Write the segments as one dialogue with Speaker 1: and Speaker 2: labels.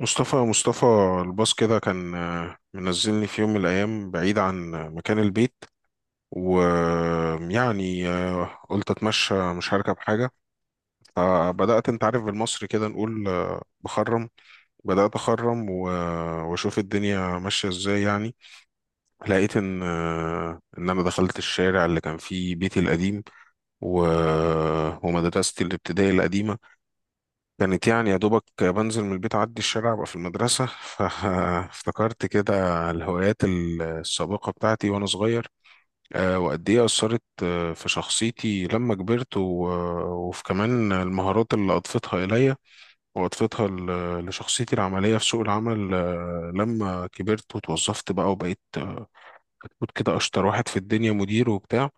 Speaker 1: مصطفى، الباص كده كان، منزلني في يوم من الأيام بعيد عن مكان البيت. ويعني قلت أتمشى، مش هركب حاجة. فبدأت، أنت عارف، بالمصري كده نقول بخرم. بدأت أخرم وأشوف الدنيا ماشية إزاي يعني. لقيت إن إن أنا دخلت الشارع اللي كان فيه بيتي القديم ومدرستي الابتدائي القديمة. كانت يعني يا دوبك بنزل من البيت، أعدي الشارع أبقى في المدرسة. فافتكرت كده الهوايات السابقة بتاعتي وأنا صغير، وقد إيه أثرت في شخصيتي لما كبرت، وفي كمان المهارات اللي أضفتها إليا، وأضفتها لشخصيتي العملية في سوق العمل، لما كبرت وتوظفت بقى وبقيت، كنت كده أشطر واحد في الدنيا، مدير وبتاع.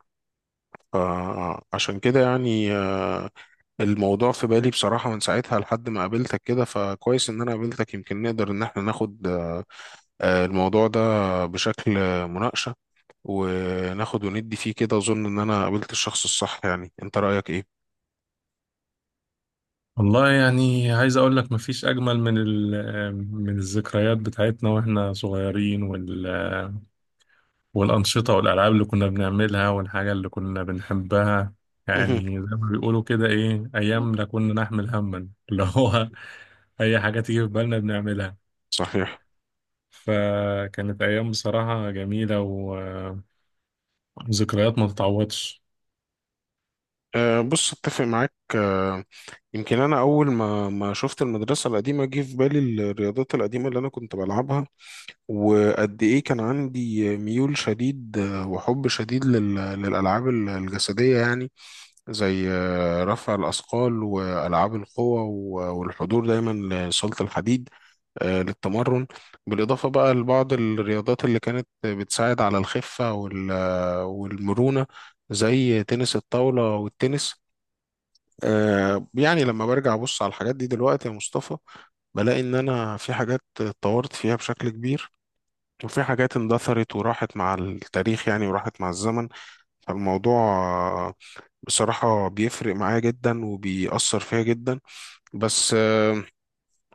Speaker 1: فعشان كده يعني، الموضوع في بالي بصراحة من ساعتها لحد ما قابلتك كده. فكويس إن أنا قابلتك، يمكن نقدر إن احنا ناخد الموضوع ده بشكل مناقشة، وناخد وندي فيه كده. أظن إن أنا قابلت الشخص الصح. يعني أنت رأيك إيه؟
Speaker 2: والله يعني عايز اقول لك مفيش اجمل من من الذكريات بتاعتنا واحنا صغيرين وال آه، والانشطه والالعاب اللي كنا بنعملها والحاجه اللي كنا بنحبها. يعني
Speaker 1: مهم.
Speaker 2: زي ما بيقولوا كده ايه ايام لا كنا نحمل هما اللي هو اي حاجه تيجي في بالنا بنعملها.
Speaker 1: صحيح.
Speaker 2: فكانت ايام بصراحه جميله وذكريات ما تتعوضش.
Speaker 1: بص، أتفق معاك. يمكن أنا أول ما شفت المدرسة القديمة جه في بالي الرياضات القديمة اللي أنا كنت بلعبها، وقد إيه كان عندي ميول شديد وحب شديد للألعاب الجسدية يعني، زي رفع الأثقال وألعاب القوة والحضور دايما لصالة الحديد، للتمرن. بالإضافة بقى لبعض الرياضات اللي كانت بتساعد على الخفة والمرونة، زي تنس الطاولة والتنس. يعني لما برجع أبص على الحاجات دي دلوقتي يا مصطفى، بلاقي إن أنا في حاجات اتطورت فيها بشكل كبير، وفي حاجات اندثرت وراحت مع التاريخ يعني، وراحت مع الزمن. فالموضوع بصراحة بيفرق معايا جدا وبيأثر فيا جدا. بس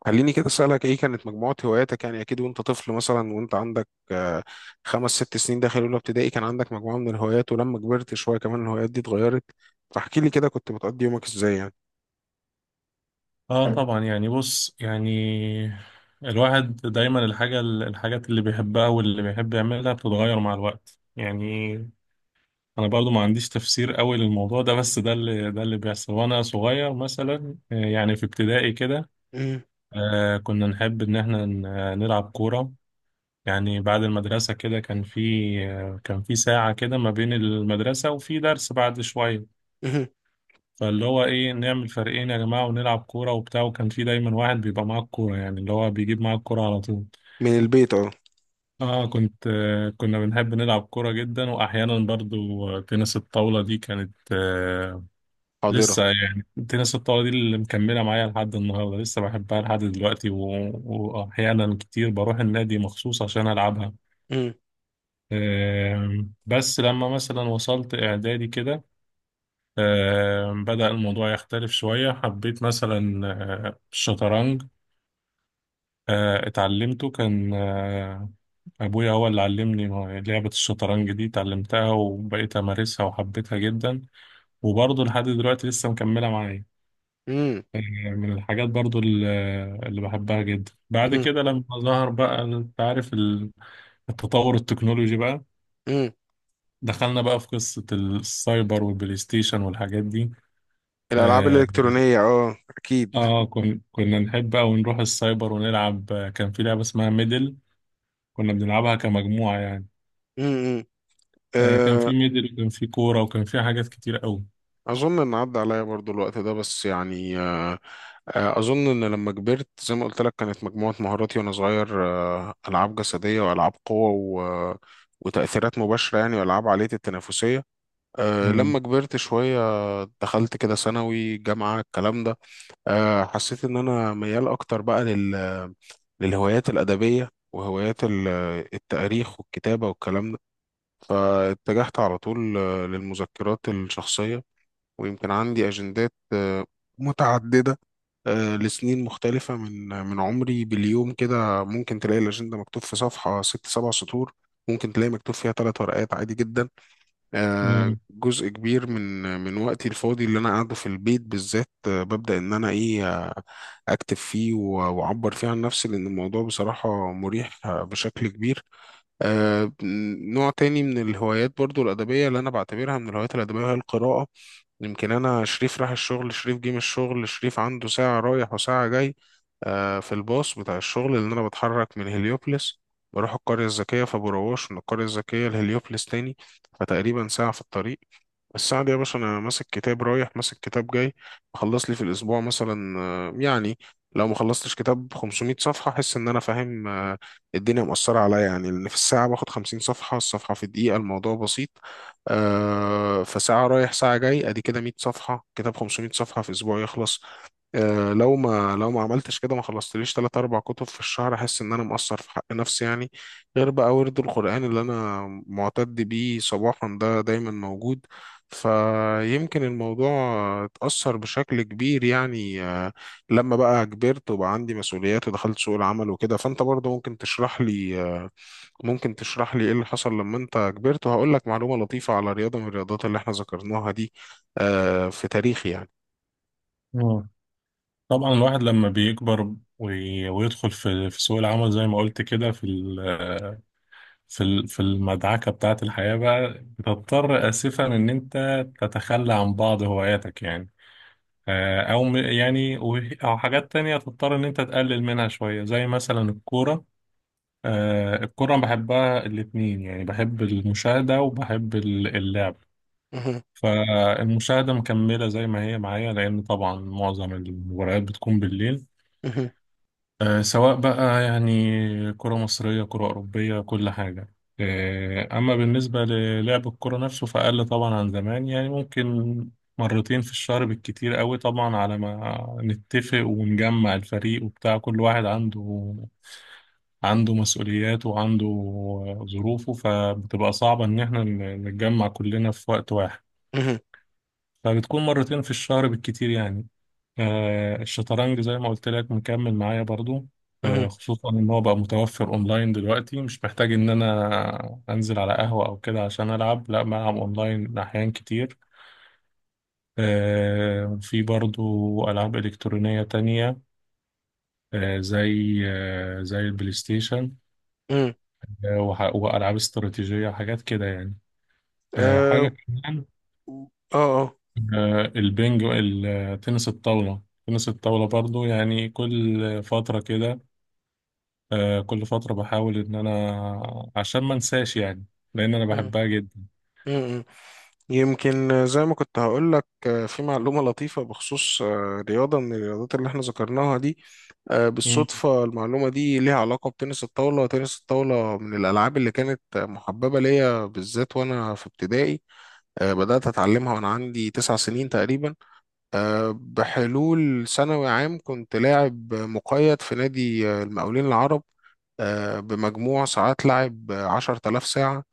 Speaker 1: خليني كده أسألك، إيه كانت مجموعة هواياتك؟ يعني أكيد وأنت طفل مثلا، وأنت عندك 5 6 سنين داخل أولى ابتدائي، كان عندك مجموعة من الهوايات، ولما كبرت شوية كمان الهوايات دي اتغيرت. فاحكي لي كده، كنت بتقضي يومك إزاي يعني؟
Speaker 2: اه طبعا يعني بص يعني الواحد دايما الحاجات اللي بيحبها واللي بيحب يعملها بتتغير مع الوقت. يعني انا برضو ما عنديش تفسير قوي للموضوع ده، بس ده اللي بيحصل. وانا صغير مثلا، يعني في ابتدائي كده
Speaker 1: مم.
Speaker 2: كنا نحب ان احنا نلعب كورة. يعني بعد المدرسة كده كان في، كان في ساعة كده ما بين المدرسة وفي درس بعد شوية،
Speaker 1: مم.
Speaker 2: فاللي هو ايه نعمل فريقين يا جماعة ونلعب كورة وبتاع. وكان في دايما واحد بيبقى معاه الكورة، يعني اللي هو بيجيب معاه الكورة على طول.
Speaker 1: من البيت أه.
Speaker 2: اه كنت آه كنا بنحب نلعب كورة جدا. واحيانا برضو، تنس الطاولة دي كانت آه
Speaker 1: حاضرة.
Speaker 2: لسه، يعني تنس الطاولة دي اللي مكملة معايا لحد النهاردة، لسه بحبها لحد دلوقتي واحيانا كتير بروح النادي مخصوص عشان العبها.
Speaker 1: مم.
Speaker 2: آه بس لما مثلا وصلت اعدادي كده، بدأ الموضوع يختلف شوية. حبيت مثلا الشطرنج، اتعلمته. كان أبويا هو اللي علمني لعبة الشطرنج دي، اتعلمتها وبقيت أمارسها وحبيتها جدا. وبرضه لحد دلوقتي لسه مكملة معايا.
Speaker 1: مم.
Speaker 2: آه، من الحاجات برضه اللي بحبها جدا بعد
Speaker 1: مم.
Speaker 2: كده، لما ظهر بقى أنت عارف التطور التكنولوجي بقى،
Speaker 1: مم.
Speaker 2: دخلنا بقى في قصة السايبر والبلاي ستيشن والحاجات دي.
Speaker 1: الألعاب
Speaker 2: آه،
Speaker 1: الإلكترونية أه أكيد.
Speaker 2: اه كنا نحب أوي نروح السايبر ونلعب. كان في لعبة اسمها ميدل، كنا بنلعبها كمجموعة يعني.
Speaker 1: مم. مم.
Speaker 2: آه كان
Speaker 1: آه،
Speaker 2: في ميدل وكان في كورة وكان في حاجات كتير أوي.
Speaker 1: أظن إن عدى عليا برضو الوقت ده، بس يعني أظن إن لما كبرت، زي ما قلت لك، كانت مجموعة مهاراتي وأنا صغير ألعاب جسدية وألعاب قوة و... آه، وتأثيرات مباشرة يعني، وألعاب عالية التنافسية. أه
Speaker 2: مم.
Speaker 1: لما كبرت شوية دخلت كده ثانوي، جامعة، الكلام ده، أه حسيت إن أنا ميال أكتر بقى للهوايات الأدبية وهوايات التاريخ والكتابة والكلام ده. فاتجهت على طول للمذكرات الشخصية. ويمكن عندي أجندات متعددة، لسنين مختلفة من عمري. باليوم كده ممكن تلاقي الأجندة مكتوب في صفحة 6 7 سطور، ممكن تلاقي مكتوب فيها 3 ورقات، عادي جدا.
Speaker 2: مم.
Speaker 1: جزء كبير من وقتي الفاضي اللي أنا قاعده في البيت بالذات، ببدأ إن أنا إيه، أكتب فيه وأعبر فيه عن نفسي، لأن الموضوع بصراحة مريح بشكل كبير. آه، نوع تاني من الهوايات برضو الأدبية، اللي أنا بعتبرها من الهوايات الأدبية، هي القراءة. يمكن انا، شريف راح الشغل، شريف جه من الشغل، شريف عنده ساعة رايح وساعة جاي في الباص بتاع الشغل، لان انا بتحرك من هليوبلس بروح القرية الذكية، فبروش من القرية الذكية لهليوبلس تاني. فتقريبا ساعة في الطريق. السعد يا باشا، انا ماسك كتاب رايح، ماسك كتاب جاي. بخلص لي في الاسبوع مثلا، يعني لو ما خلصتش كتاب 500 صفحه، احس ان انا فاهم الدنيا مؤثره عليا يعني. لان في الساعه باخد 50 صفحه، الصفحه في دقيقه، الموضوع بسيط. فساعه رايح ساعه جاي ادي كده 100 صفحه، كتاب 500 صفحه في اسبوع يخلص. لو ما عملتش كده، ما خلصتليش 3 4 كتب في الشهر، أحس إن أنا مقصر في حق نفسي يعني. غير بقى ورد القرآن اللي أنا معتد بيه صباحا ده، دايما موجود. فيمكن الموضوع اتأثر بشكل كبير يعني. لما بقى كبرت وبقى عندي مسؤوليات ودخلت سوق العمل وكده، فأنت برضه ممكن تشرح لي ممكن تشرح لي إيه اللي حصل لما أنت كبرت. وهقول لك معلومة لطيفة على رياضة من الرياضات اللي إحنا ذكرناها دي، في تاريخي يعني.
Speaker 2: آه. طبعا الواحد لما بيكبر وي... ويدخل في سوق العمل زي ما قلت كده، في المدعكة بتاعة الحياة بقى بتضطر آسفا إن أنت تتخلى عن بعض هواياتك. يعني او يعني او حاجات تانية تضطر ان انت تقلل منها شوية، زي مثلا الكورة. الكرة بحبها الاتنين، يعني بحب المشاهدة وبحب اللعب.
Speaker 1: مهم.
Speaker 2: فالمشاهدة مكملة زي ما هي معايا، لأن طبعا معظم المباريات بتكون بالليل. سواء بقى يعني كرة مصرية، كرة أوروبية، كل حاجة. أما بالنسبة للعب الكرة نفسه فأقل طبعا عن زمان، يعني ممكن مرتين في الشهر بالكتير قوي. طبعا على ما نتفق ونجمع الفريق وبتاع، كل واحد عنده، عنده مسؤولياته وعنده ظروفه، فبتبقى صعبة إن احنا نتجمع كلنا في وقت واحد.
Speaker 1: مهم.
Speaker 2: فبتكون مرتين في الشهر بالكتير يعني. الشطرنج زي ما قلت لك مكمل معايا برضو،
Speaker 1: مهم.
Speaker 2: خصوصا ان هو بقى متوفر اونلاين دلوقتي، مش محتاج ان انا انزل على قهوة او كده عشان العب، لا بلعب اونلاين احيان كتير. في برضو العاب الكترونية تانية، زي البلاي ستيشن.
Speaker 1: امم.
Speaker 2: والعاب استراتيجية حاجات كده يعني. حاجة
Speaker 1: اه.
Speaker 2: كمان،
Speaker 1: اه آه.
Speaker 2: البنج التنس الطاولة تنس الطاولة برضو، يعني كل فترة كده آه كل فترة بحاول إن أنا عشان ما أنساش، يعني لأن أنا
Speaker 1: مم.
Speaker 2: بحبها جدا.
Speaker 1: مم، مم. يمكن زي ما كنت هقول لك، في معلومة لطيفة بخصوص رياضة من الرياضات اللي احنا ذكرناها دي.
Speaker 2: مم.
Speaker 1: بالصدفة المعلومة دي ليها علاقة بتنس الطاولة. تنس الطاولة من الألعاب اللي كانت محببة ليا بالذات وأنا في ابتدائي. بدأت أتعلمها وأنا عندي 9 سنين تقريبا. بحلول ثانوي عام كنت لاعب مقيد في نادي المقاولين العرب، بمجموع ساعات لعب 10000 ساعة.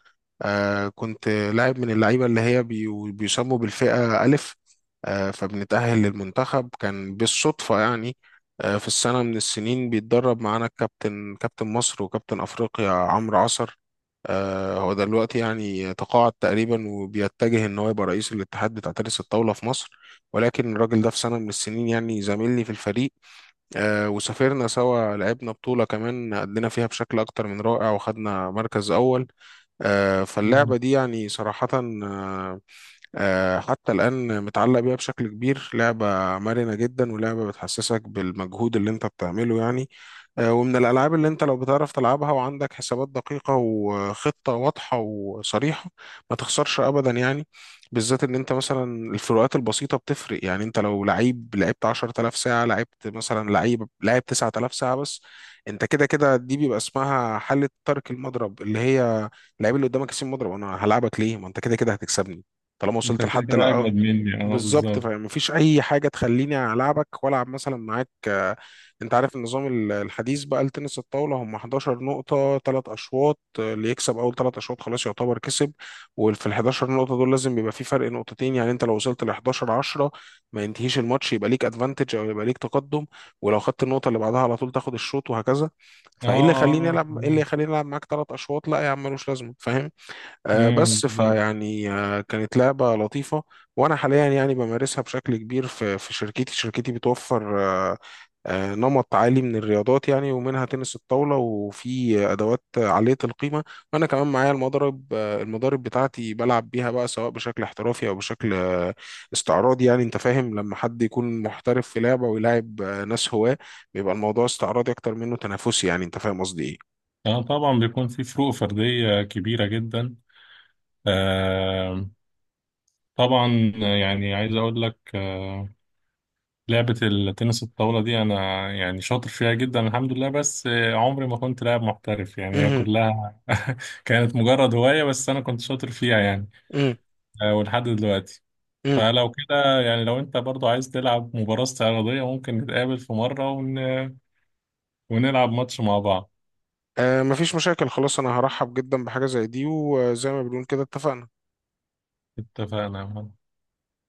Speaker 1: كنت لاعب من اللعيبة اللي هي بيسموا بالفئة ألف. فبنتأهل للمنتخب. كان بالصدفة يعني، في السنة من السنين بيتدرب معانا الكابتن، كابتن مصر وكابتن أفريقيا عمرو عصر. هو دلوقتي يعني تقاعد تقريبا، وبيتجه إن هو يبقى رئيس الاتحاد بتاع تنس الطاولة في مصر. ولكن الراجل ده في سنة من السنين يعني زميلي في الفريق، وسافرنا سوا، لعبنا بطولة كمان أدينا فيها بشكل أكتر من رائع، وخدنا مركز أول.
Speaker 2: مم.
Speaker 1: فاللعبة دي يعني صراحة، آه، حتى الآن متعلق بيها بشكل كبير. لعبة مرنة جدا، ولعبة بتحسسك بالمجهود اللي انت بتعمله يعني. ومن الألعاب اللي انت لو بتعرف تلعبها وعندك حسابات دقيقة وخطة واضحة وصريحة، ما تخسرش أبدا يعني. بالذات ان انت مثلا، الفروقات البسيطة بتفرق. يعني انت لو لعيب لعبت 10000 ساعة، لعبت مثلا لعيب لعب 9000 ساعة بس، انت كده كده دي بيبقى اسمها حالة ترك المضرب، اللي هي اللعيب اللي قدامك يسيب مضرب، انا هلعبك ليه ما انت كده كده هتكسبني؟ طالما
Speaker 2: أنت
Speaker 1: وصلت
Speaker 2: كده
Speaker 1: لحد،
Speaker 2: كده
Speaker 1: لا.
Speaker 2: أجمد مني. أه
Speaker 1: بالظبط.
Speaker 2: بالظبط.
Speaker 1: فمفيش اي حاجه تخليني العبك والعب مثلا معاك. انت عارف النظام الحديث بقى لتنس الطاوله، هم 11 نقطه 3 اشواط. اللي يكسب اول 3 اشواط خلاص يعتبر كسب. وفي ال 11 نقطه دول لازم يبقى في فرق نقطتين. يعني انت لو وصلت ل 11 10، ما ينتهيش الماتش، يبقى ليك ادفانتج او يبقى ليك تقدم. ولو خدت النقطه اللي بعدها على طول تاخد الشوط، وهكذا.
Speaker 2: أه
Speaker 1: فايه اللي يخليني
Speaker 2: أه أه تمام.
Speaker 1: العب معاك 3 اشواط؟ لا يا عم، ملوش لازمه، فاهم؟
Speaker 2: مم،
Speaker 1: بس
Speaker 2: بالظبط.
Speaker 1: فيعني كانت لعبة لطيفة. وأنا حاليا يعني بمارسها بشكل كبير في شركتي بتوفر نمط عالي من الرياضات يعني، ومنها تنس الطاولة، وفي أدوات عالية القيمة. وأنا كمان معايا المضرب آه، المضارب بتاعتي بلعب بيها بقى، سواء بشكل احترافي أو بشكل استعراضي يعني. أنت فاهم لما حد يكون محترف في لعبة ويلاعب ناس هواة، بيبقى الموضوع استعراضي أكتر منه تنافسي. يعني أنت فاهم قصدي إيه؟
Speaker 2: أه طبعا بيكون في فروق فردية كبيرة جدا. آه طبعا. يعني عايز أقول لك آه لعبة التنس الطاولة دي أنا، يعني شاطر فيها جدا الحمد لله. بس عمري ما كنت لاعب محترف يعني، هي
Speaker 1: مهم.
Speaker 2: كلها كانت مجرد هواية، بس أنا كنت شاطر فيها يعني، آه ولحد دلوقتي.
Speaker 1: مم.
Speaker 2: فلو كده يعني، لو انت برضو عايز تلعب مباراة استعراضية، ممكن نتقابل في مرة ونلعب ماتش مع بعض.
Speaker 1: آه مفيش مشاكل، خلاص انا هرحب جدا بحاجة زي دي. وزي ما بنقول كده، اتفقنا.
Speaker 2: اتفقنا.